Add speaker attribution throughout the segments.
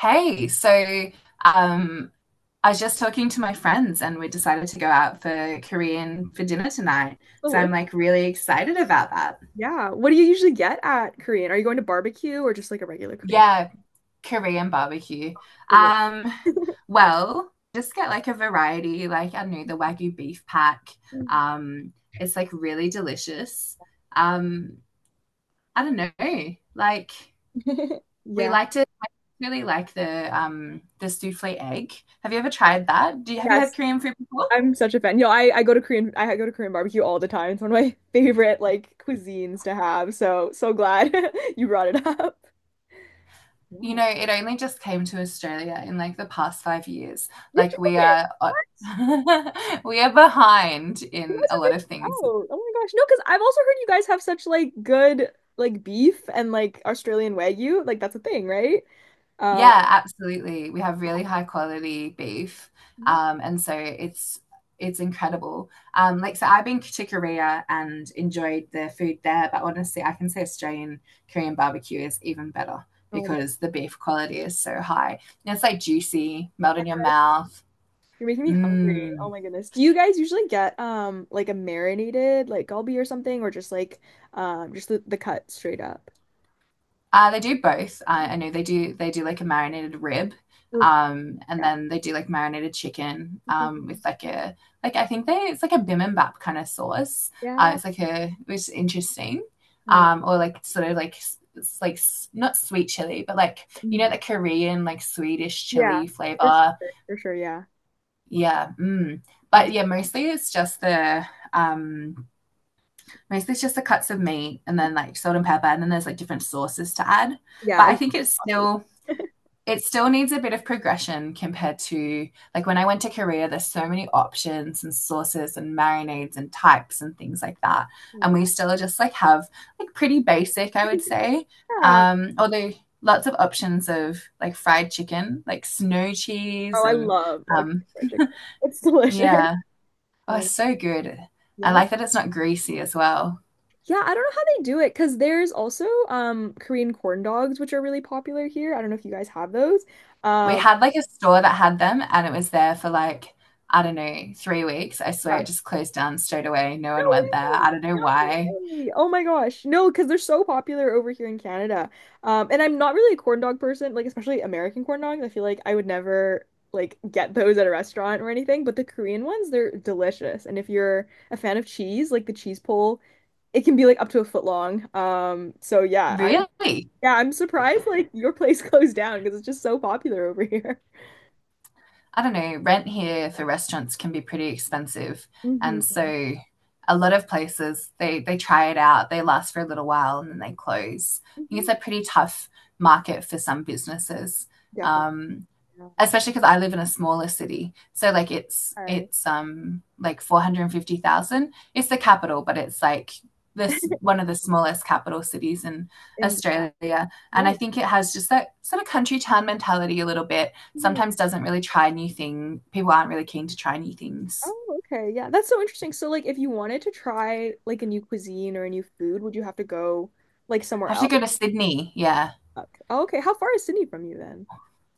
Speaker 1: Hey, um, I was just talking to my friends and we decided to go out for Korean for dinner tonight. So I'm
Speaker 2: Deli-
Speaker 1: like really excited about that.
Speaker 2: Yeah. What do you usually get at Korean? Are you going to barbecue or just like a regular Korean
Speaker 1: Yeah, Korean barbecue.
Speaker 2: restaurant?
Speaker 1: Um, well, just get like a variety, like I don't know, the Wagyu beef pack.
Speaker 2: Deli-
Speaker 1: Um, it's like really delicious. Um, I don't know, like we
Speaker 2: Yeah.
Speaker 1: like to I really like the souffle egg. Have you ever tried that? Do you have you had
Speaker 2: Yes.
Speaker 1: Korean food before?
Speaker 2: I'm such a fan. You know, I go to Korean barbecue all the time. It's one of my favorite like cuisines to have. So glad you brought it up.
Speaker 1: You
Speaker 2: Yeah.
Speaker 1: know, it only just came to Australia in like the past 5 years.
Speaker 2: You're
Speaker 1: Like we
Speaker 2: joking.
Speaker 1: are
Speaker 2: What?
Speaker 1: we are behind
Speaker 2: You
Speaker 1: in
Speaker 2: guys
Speaker 1: a
Speaker 2: are
Speaker 1: lot
Speaker 2: missing
Speaker 1: of things.
Speaker 2: out. Oh my gosh. No, because I've also heard you guys have such like good like beef and like Australian Wagyu. Like that's a thing, right? Uh,
Speaker 1: Yeah, absolutely. We have really high quality beef. And so it's incredible. Like so I've been to Korea and enjoyed the food there, but honestly, I can say Australian Korean barbecue is even better
Speaker 2: oh my
Speaker 1: because the beef quality is so high. And it's like juicy, melt in
Speaker 2: yeah,
Speaker 1: your mouth.
Speaker 2: you're making me hungry. Oh
Speaker 1: Mmm.
Speaker 2: my goodness. Do you guys usually get like a marinated like galbi or something or just like just the cut straight up?
Speaker 1: They do both. I know they do. They do like a marinated rib,
Speaker 2: Oof,
Speaker 1: and
Speaker 2: yeah.
Speaker 1: then they do like marinated chicken
Speaker 2: Oh my goodness.
Speaker 1: with like a like I think they it's like a bibimbap kind of sauce.
Speaker 2: Yeah.
Speaker 1: It's like a Which is interesting,
Speaker 2: Oh my
Speaker 1: or like sort of like it's like not sweet chili, but like you know
Speaker 2: mhm.
Speaker 1: the Korean like Swedish
Speaker 2: Yeah.
Speaker 1: chili
Speaker 2: For
Speaker 1: flavor.
Speaker 2: sure, for sure, yeah.
Speaker 1: Yeah,
Speaker 2: Um,
Speaker 1: But yeah, um, mostly it's just the cuts of meat and then like salt and pepper, and then there's like different sauces to add.
Speaker 2: yeah,
Speaker 1: But
Speaker 2: I
Speaker 1: I
Speaker 2: love
Speaker 1: think
Speaker 2: it.
Speaker 1: it still needs a bit of progression compared to, like, when I went to Korea, there's so many options and sauces and marinades and types and things like that. And
Speaker 2: Yeah.
Speaker 1: we still just have like pretty basic, I would say. Although lots of options of like fried chicken, like snow cheese
Speaker 2: Oh, I
Speaker 1: and
Speaker 2: love a Kentucky
Speaker 1: um,
Speaker 2: Fried Chicken. It's delicious.
Speaker 1: yeah. Oh, it's
Speaker 2: Um,
Speaker 1: so good. I
Speaker 2: yeah.
Speaker 1: like that it's not greasy as well.
Speaker 2: Yeah, I don't know how they do it because there's also Korean corn dogs, which are really popular here. I don't know if you guys have those.
Speaker 1: We
Speaker 2: Um,
Speaker 1: had like a store that had them and it was there for like, I don't know, 3 weeks. I swear
Speaker 2: yeah.
Speaker 1: it just closed down straight away. No
Speaker 2: No
Speaker 1: one
Speaker 2: way.
Speaker 1: went there. I don't know
Speaker 2: No
Speaker 1: why.
Speaker 2: way. Oh my gosh. No, because they're so popular over here in Canada. And I'm not really a corn dog person, like especially American corn dogs. I feel like I would never like get those at a restaurant or anything, but the Korean ones, they're delicious. And if you're a fan of cheese, like the cheese pole, it can be like up to a foot long.
Speaker 1: Really?
Speaker 2: Yeah, I'm surprised like your place closed down because it's just so popular over here.
Speaker 1: I don't know. Rent here for restaurants can be pretty expensive.
Speaker 2: Hmm.
Speaker 1: And so a lot of places they try it out, they last for a little while and then they close. I think
Speaker 2: Hmm.
Speaker 1: it's a pretty tough market for some businesses.
Speaker 2: Definitely.
Speaker 1: Um,
Speaker 2: Yeah.
Speaker 1: Especially because I live in a smaller city. So like it's
Speaker 2: All right.
Speaker 1: it's um like 450,000. It's the capital, but it's like this one of the smallest capital cities in
Speaker 2: And yeah,
Speaker 1: Australia. And I
Speaker 2: right.
Speaker 1: think it has just that sort of country town mentality a little bit.
Speaker 2: Mhm.
Speaker 1: Sometimes doesn't really try new things. People aren't really keen to try new things.
Speaker 2: Oh, okay. Yeah, that's so interesting. So, like, if you wanted to try like a new cuisine or a new food, would you have to go like somewhere
Speaker 1: I have to
Speaker 2: else?
Speaker 1: go to Sydney. Yeah.
Speaker 2: Okay. Oh, okay. How far is Sydney from you then?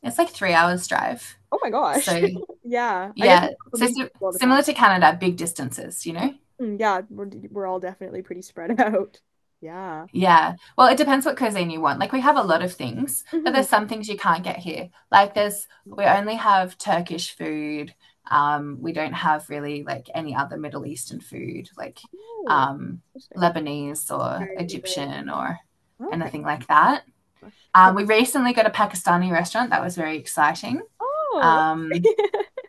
Speaker 1: It's like 3 hours drive.
Speaker 2: Oh my gosh.
Speaker 1: So
Speaker 2: Yeah, I guess
Speaker 1: yeah.
Speaker 2: it's
Speaker 1: So,
Speaker 2: something you do all the time.
Speaker 1: similar to Canada, big distances, you know?
Speaker 2: Mm, yeah, we're all definitely pretty spread out. Yeah.
Speaker 1: Yeah. Well, it depends what cuisine you want. Like we have a lot of things, but
Speaker 2: Hmm.
Speaker 1: there's some things you can't get here. Like there's We only have Turkish food. We don't have really like any other Middle Eastern food, like
Speaker 2: Oh,
Speaker 1: um
Speaker 2: interesting.
Speaker 1: Lebanese or
Speaker 2: Right, right.
Speaker 1: Egyptian or
Speaker 2: Okay.
Speaker 1: anything like that.
Speaker 2: Gosh. Have,
Speaker 1: We recently got a Pakistani restaurant. That was very exciting.
Speaker 2: oh,
Speaker 1: Um,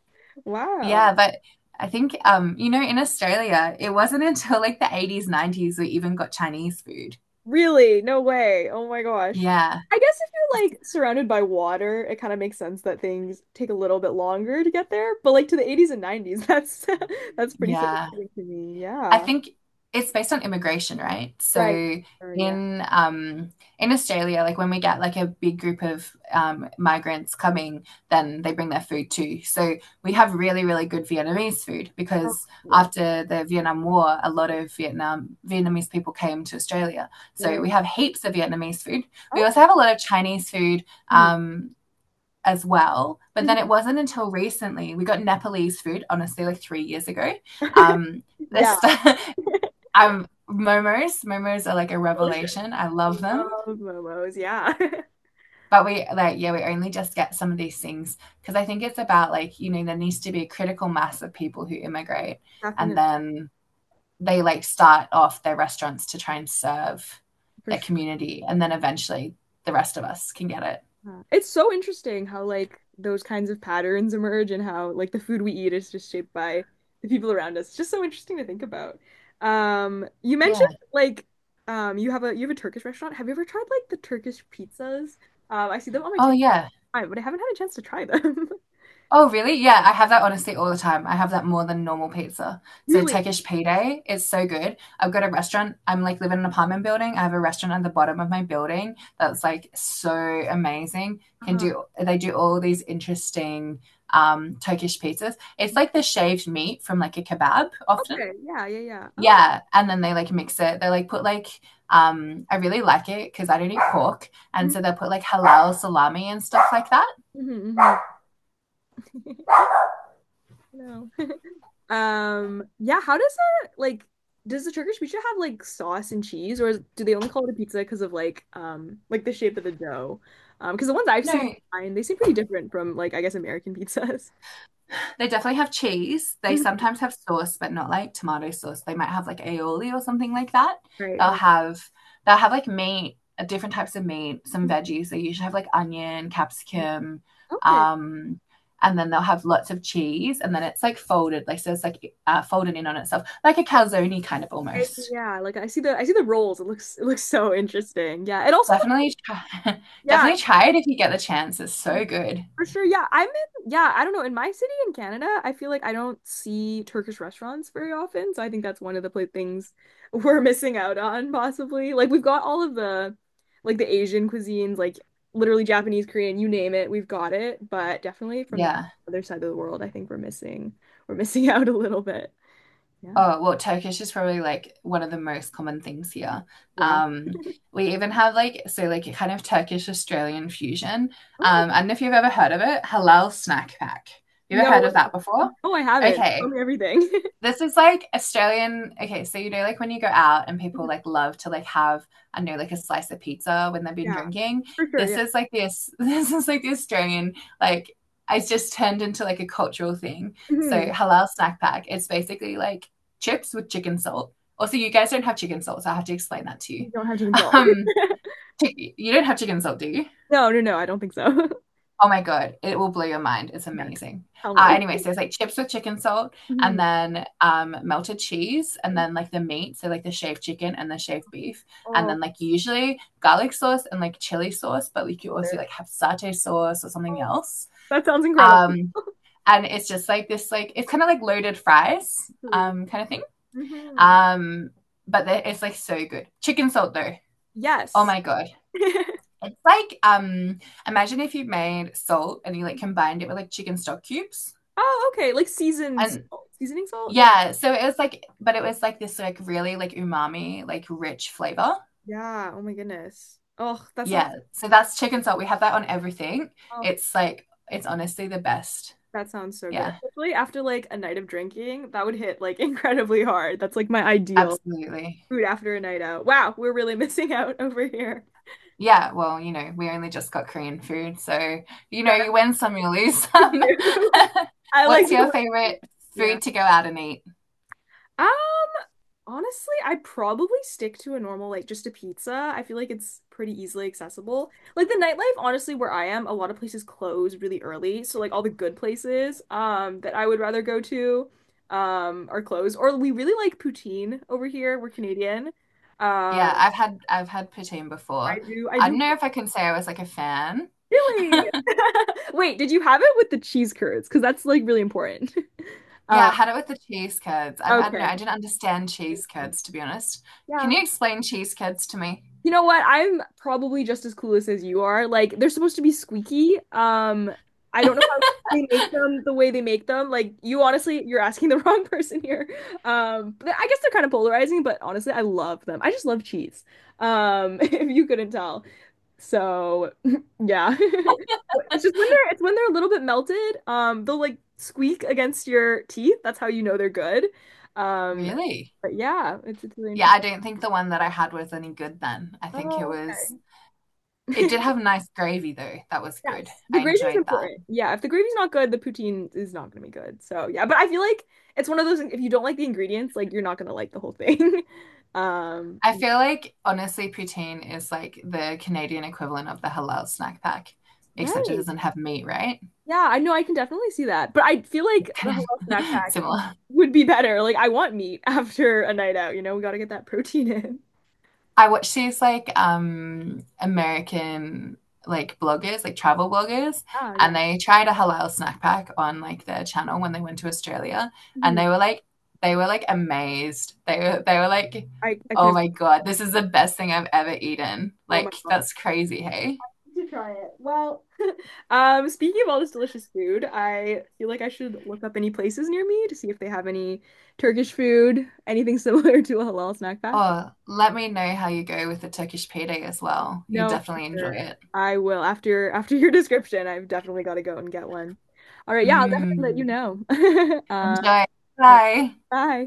Speaker 2: wow.
Speaker 1: yeah, but I think you know, in Australia, it wasn't until like the 80s, 90s we even got Chinese food.
Speaker 2: Really? No way. Oh my gosh.
Speaker 1: Yeah.
Speaker 2: I guess if you're like surrounded by water, it kind of makes sense that things take a little bit longer to get there. But like to the 80s and 90s, that's that's pretty
Speaker 1: Yeah.
Speaker 2: surprising to me.
Speaker 1: I
Speaker 2: Yeah.
Speaker 1: think it's based on immigration, right?
Speaker 2: Right.
Speaker 1: So
Speaker 2: Or yeah.
Speaker 1: in um in Australia, like when we get like a big group of migrants coming, then they bring their food too. So we
Speaker 2: Mhm.
Speaker 1: have really, really good Vietnamese food
Speaker 2: Oh,
Speaker 1: because
Speaker 2: yes.
Speaker 1: after the Vietnam War, a lot of Vietnamese people came to Australia. So
Speaker 2: Right.
Speaker 1: we have heaps of Vietnamese food. We
Speaker 2: Okay.
Speaker 1: also have a lot of Chinese food,
Speaker 2: Mhm.
Speaker 1: um as well. But then
Speaker 2: Mhm.
Speaker 1: it wasn't until recently we got Nepalese food, honestly, like 3 years ago. Um,
Speaker 2: Yeah.
Speaker 1: this Momos, momos are like a
Speaker 2: Delicious.
Speaker 1: revelation. I love them.
Speaker 2: Love momos. Yeah.
Speaker 1: But we like, yeah, we only just get some of these things because I think it's about like, you know, there needs to be a critical mass of people who immigrate and
Speaker 2: Definitely.
Speaker 1: then they like start off their restaurants to try and serve
Speaker 2: For
Speaker 1: their community and then eventually the rest of us can get it.
Speaker 2: It's so interesting how like those kinds of patterns emerge and how like the food we eat is just shaped by the people around us. It's just so interesting to think about. You
Speaker 1: Yeah.
Speaker 2: mentioned like you have a Turkish restaurant. Have you ever tried like the Turkish pizzas? I see them on my
Speaker 1: Oh
Speaker 2: TikTok,
Speaker 1: yeah.
Speaker 2: but I haven't had a chance to try them.
Speaker 1: Oh, really? Yeah, I have that honestly all the time. I have that more than normal pizza. So
Speaker 2: Really?
Speaker 1: Turkish pide is so good. I've got a restaurant. I'm like living in an apartment building. I have a restaurant at the bottom of my building that's like so amazing. Can
Speaker 2: Uh-huh.
Speaker 1: Do they do all these interesting Turkish pizzas. It's like the shaved meat from like a kebab often.
Speaker 2: Okay. Yeah, yeah, yeah. Oh.
Speaker 1: Yeah, and then they like mix it. They like put like I really like it because I don't eat pork, and
Speaker 2: Hmm.
Speaker 1: so they'll put like halal salami and stuff like that.
Speaker 2: Hmm. No. Yeah, how does it like does the Turkish pizza have like sauce and cheese or is, do they only call it a pizza because of like the shape of the dough? Because the ones I've seen
Speaker 1: No,
Speaker 2: online, they seem pretty different from like I guess American pizzas.
Speaker 1: they definitely have cheese. They
Speaker 2: Mhm.
Speaker 1: sometimes have sauce, but not like tomato sauce. They might have like aioli or something like that.
Speaker 2: Right,
Speaker 1: They'll
Speaker 2: right.
Speaker 1: have they'll have like meat, different types of meat, some veggies. They usually have like onion,
Speaker 2: Mhm.
Speaker 1: capsicum,
Speaker 2: Okay.
Speaker 1: um, and then they'll have lots of cheese, and then it's like folded, like so it's like folded in on itself, like a calzone kind of
Speaker 2: Eh,
Speaker 1: almost.
Speaker 2: yeah, like I see the rolls. It looks so interesting. Yeah. It also looks
Speaker 1: Definitely, try,
Speaker 2: yeah.
Speaker 1: definitely try it if you get the chance. It's so good.
Speaker 2: For sure, yeah. I don't know. In my city in Canada, I feel like I don't see Turkish restaurants very often. So I think that's one of the pla things we're missing out on, possibly. Like we've got all of the like the Asian cuisines, like literally Japanese, Korean, you name it, we've got it. But definitely from that
Speaker 1: Yeah.
Speaker 2: other side of the world, I think we're missing out a little bit. Yeah.
Speaker 1: Oh, well, Turkish is probably like one of the most common things here.
Speaker 2: Wow.
Speaker 1: Um, we even have like, so like a kind of Turkish Australian fusion.
Speaker 2: Oh,
Speaker 1: I don't know if you've ever heard of it, halal snack pack. You ever
Speaker 2: no
Speaker 1: heard of
Speaker 2: way.
Speaker 1: that before?
Speaker 2: Oh, I haven't. Tell
Speaker 1: Okay.
Speaker 2: me everything.
Speaker 1: This is like Australian. Okay, so you know, like when you go out and people like love to like have, I know, like a slice of pizza when they've been
Speaker 2: Yeah,
Speaker 1: drinking.
Speaker 2: for sure.
Speaker 1: This
Speaker 2: Yeah.
Speaker 1: is like this. This is like the Australian. Like it's just turned into like a cultural thing. So
Speaker 2: Mhm.
Speaker 1: halal snack pack. It's basically like chips with chicken salt. Also, you guys don't have chicken salt, so I have to explain that to you.
Speaker 2: You don't have chicken salt.
Speaker 1: Um, you don't have chicken salt, do you?
Speaker 2: No, no, no, I don't think so.
Speaker 1: Oh my God, it will blow your mind. It's
Speaker 2: Yes.
Speaker 1: amazing.
Speaker 2: Tell me.
Speaker 1: Anyway, so it's like chips with chicken salt and
Speaker 2: Mhm.
Speaker 1: then melted cheese and then like the meat. So like the shaved chicken and the shaved beef. And
Speaker 2: Oh,
Speaker 1: then like usually garlic sauce and like chili sauce, but like you also
Speaker 2: there.
Speaker 1: like have satay sauce or something
Speaker 2: Oh,
Speaker 1: else.
Speaker 2: that sounds incredible.
Speaker 1: Um, and it's just like this, like it's kind of like loaded fries
Speaker 2: Really.
Speaker 1: kind of thing.
Speaker 2: Hmm.
Speaker 1: Um, but it's like so good. Chicken salt though. Oh
Speaker 2: Yes.
Speaker 1: my God. It's like imagine if you made salt and you like combined it with like chicken stock cubes.
Speaker 2: Oh, okay. Like seasoned
Speaker 1: And
Speaker 2: salt. Seasoning salt? Yeah.
Speaker 1: yeah, so it was like this like really like umami, like rich flavor.
Speaker 2: Yeah. Oh my goodness.
Speaker 1: Yeah. So that's chicken salt. We have that on everything.
Speaker 2: Oh,
Speaker 1: It's like it's honestly the best.
Speaker 2: that sounds so good.
Speaker 1: Yeah,
Speaker 2: Especially after like a night of drinking, that would hit like incredibly hard. That's like my ideal
Speaker 1: absolutely.
Speaker 2: food after a night out. Wow, we're really missing out over here.
Speaker 1: Yeah, well, you know, we only just got Korean food, so you
Speaker 2: That's
Speaker 1: know, you win some, you lose some.
Speaker 2: I like
Speaker 1: What's
Speaker 2: the
Speaker 1: your
Speaker 2: way.
Speaker 1: favorite
Speaker 2: Yeah.
Speaker 1: food to go out and eat?
Speaker 2: Ah. Honestly, I'd probably stick to a normal, like just a pizza. I feel like it's pretty easily accessible. Like the nightlife, honestly, where I am, a lot of places close really early. So like all the good places that I would rather go to are closed. Or we really like poutine over here. We're Canadian. Uh,
Speaker 1: Yeah, I've had poutine
Speaker 2: I
Speaker 1: before.
Speaker 2: do I
Speaker 1: I don't
Speaker 2: do
Speaker 1: know if I can say I was like a fan.
Speaker 2: really wait, did you have it with the cheese curds? Because that's like really important.
Speaker 1: Yeah,
Speaker 2: Uh,
Speaker 1: I had it with the cheese curds. I don't know.
Speaker 2: okay.
Speaker 1: I didn't understand cheese curds to be honest. Can
Speaker 2: Yeah.
Speaker 1: you explain cheese curds to me?
Speaker 2: You know what? I'm probably just as clueless as you are. Like they're supposed to be squeaky. I don't know how they make them the way they make them. Like you honestly, you're asking the wrong person here. But I guess they're kind of polarizing, but honestly, I love them. I just love cheese. If you couldn't tell. So, yeah. It's just when they're a little bit melted, they'll like squeak against your teeth. That's how you know they're good. Um,
Speaker 1: Really?
Speaker 2: but yeah, it's really
Speaker 1: Yeah, I
Speaker 2: interesting.
Speaker 1: don't think the one that I had was any good then. I think it
Speaker 2: Oh,
Speaker 1: was It
Speaker 2: okay.
Speaker 1: did have nice gravy though. That was good.
Speaker 2: Yes, the
Speaker 1: I
Speaker 2: gravy is
Speaker 1: enjoyed that.
Speaker 2: important. Yeah, if the gravy's not good, the poutine is not gonna be good. So yeah, but I feel like it's one of those things, if you don't like the ingredients, like you're not gonna like the whole thing. Um,
Speaker 1: I feel like honestly poutine is like the Canadian equivalent of the halal snack pack, except it
Speaker 2: right.
Speaker 1: doesn't have meat, right?
Speaker 2: Yeah, I know I can definitely see that. But I feel like the
Speaker 1: Kind
Speaker 2: halal
Speaker 1: of
Speaker 2: snack pack
Speaker 1: similar.
Speaker 2: would be better. Like I want meat after a night out, you know, we gotta get that protein in.
Speaker 1: I watch these like American like bloggers, like travel bloggers,
Speaker 2: Ah,
Speaker 1: and
Speaker 2: yeah.
Speaker 1: they tried a halal snack pack on like their channel when they went to Australia, and
Speaker 2: Mhm.
Speaker 1: they were like amazed. They were like,
Speaker 2: I
Speaker 1: "Oh
Speaker 2: can.
Speaker 1: my God, this is the best thing I've ever eaten."
Speaker 2: Oh my
Speaker 1: Like
Speaker 2: gosh.
Speaker 1: that's crazy, hey?
Speaker 2: To try it. Well, speaking of all this delicious food, I feel like I should look up any places near me to see if they have any Turkish food, anything similar to a halal snack pack.
Speaker 1: Oh, let me know how you go with the Turkish pide as well. You
Speaker 2: No, for
Speaker 1: definitely enjoy
Speaker 2: sure.
Speaker 1: it.
Speaker 2: I will after your description. I've definitely got to go and get one. All right, yeah, I'll definitely let you
Speaker 1: Mm,
Speaker 2: know. Um,
Speaker 1: enjoy. Bye.
Speaker 2: bye.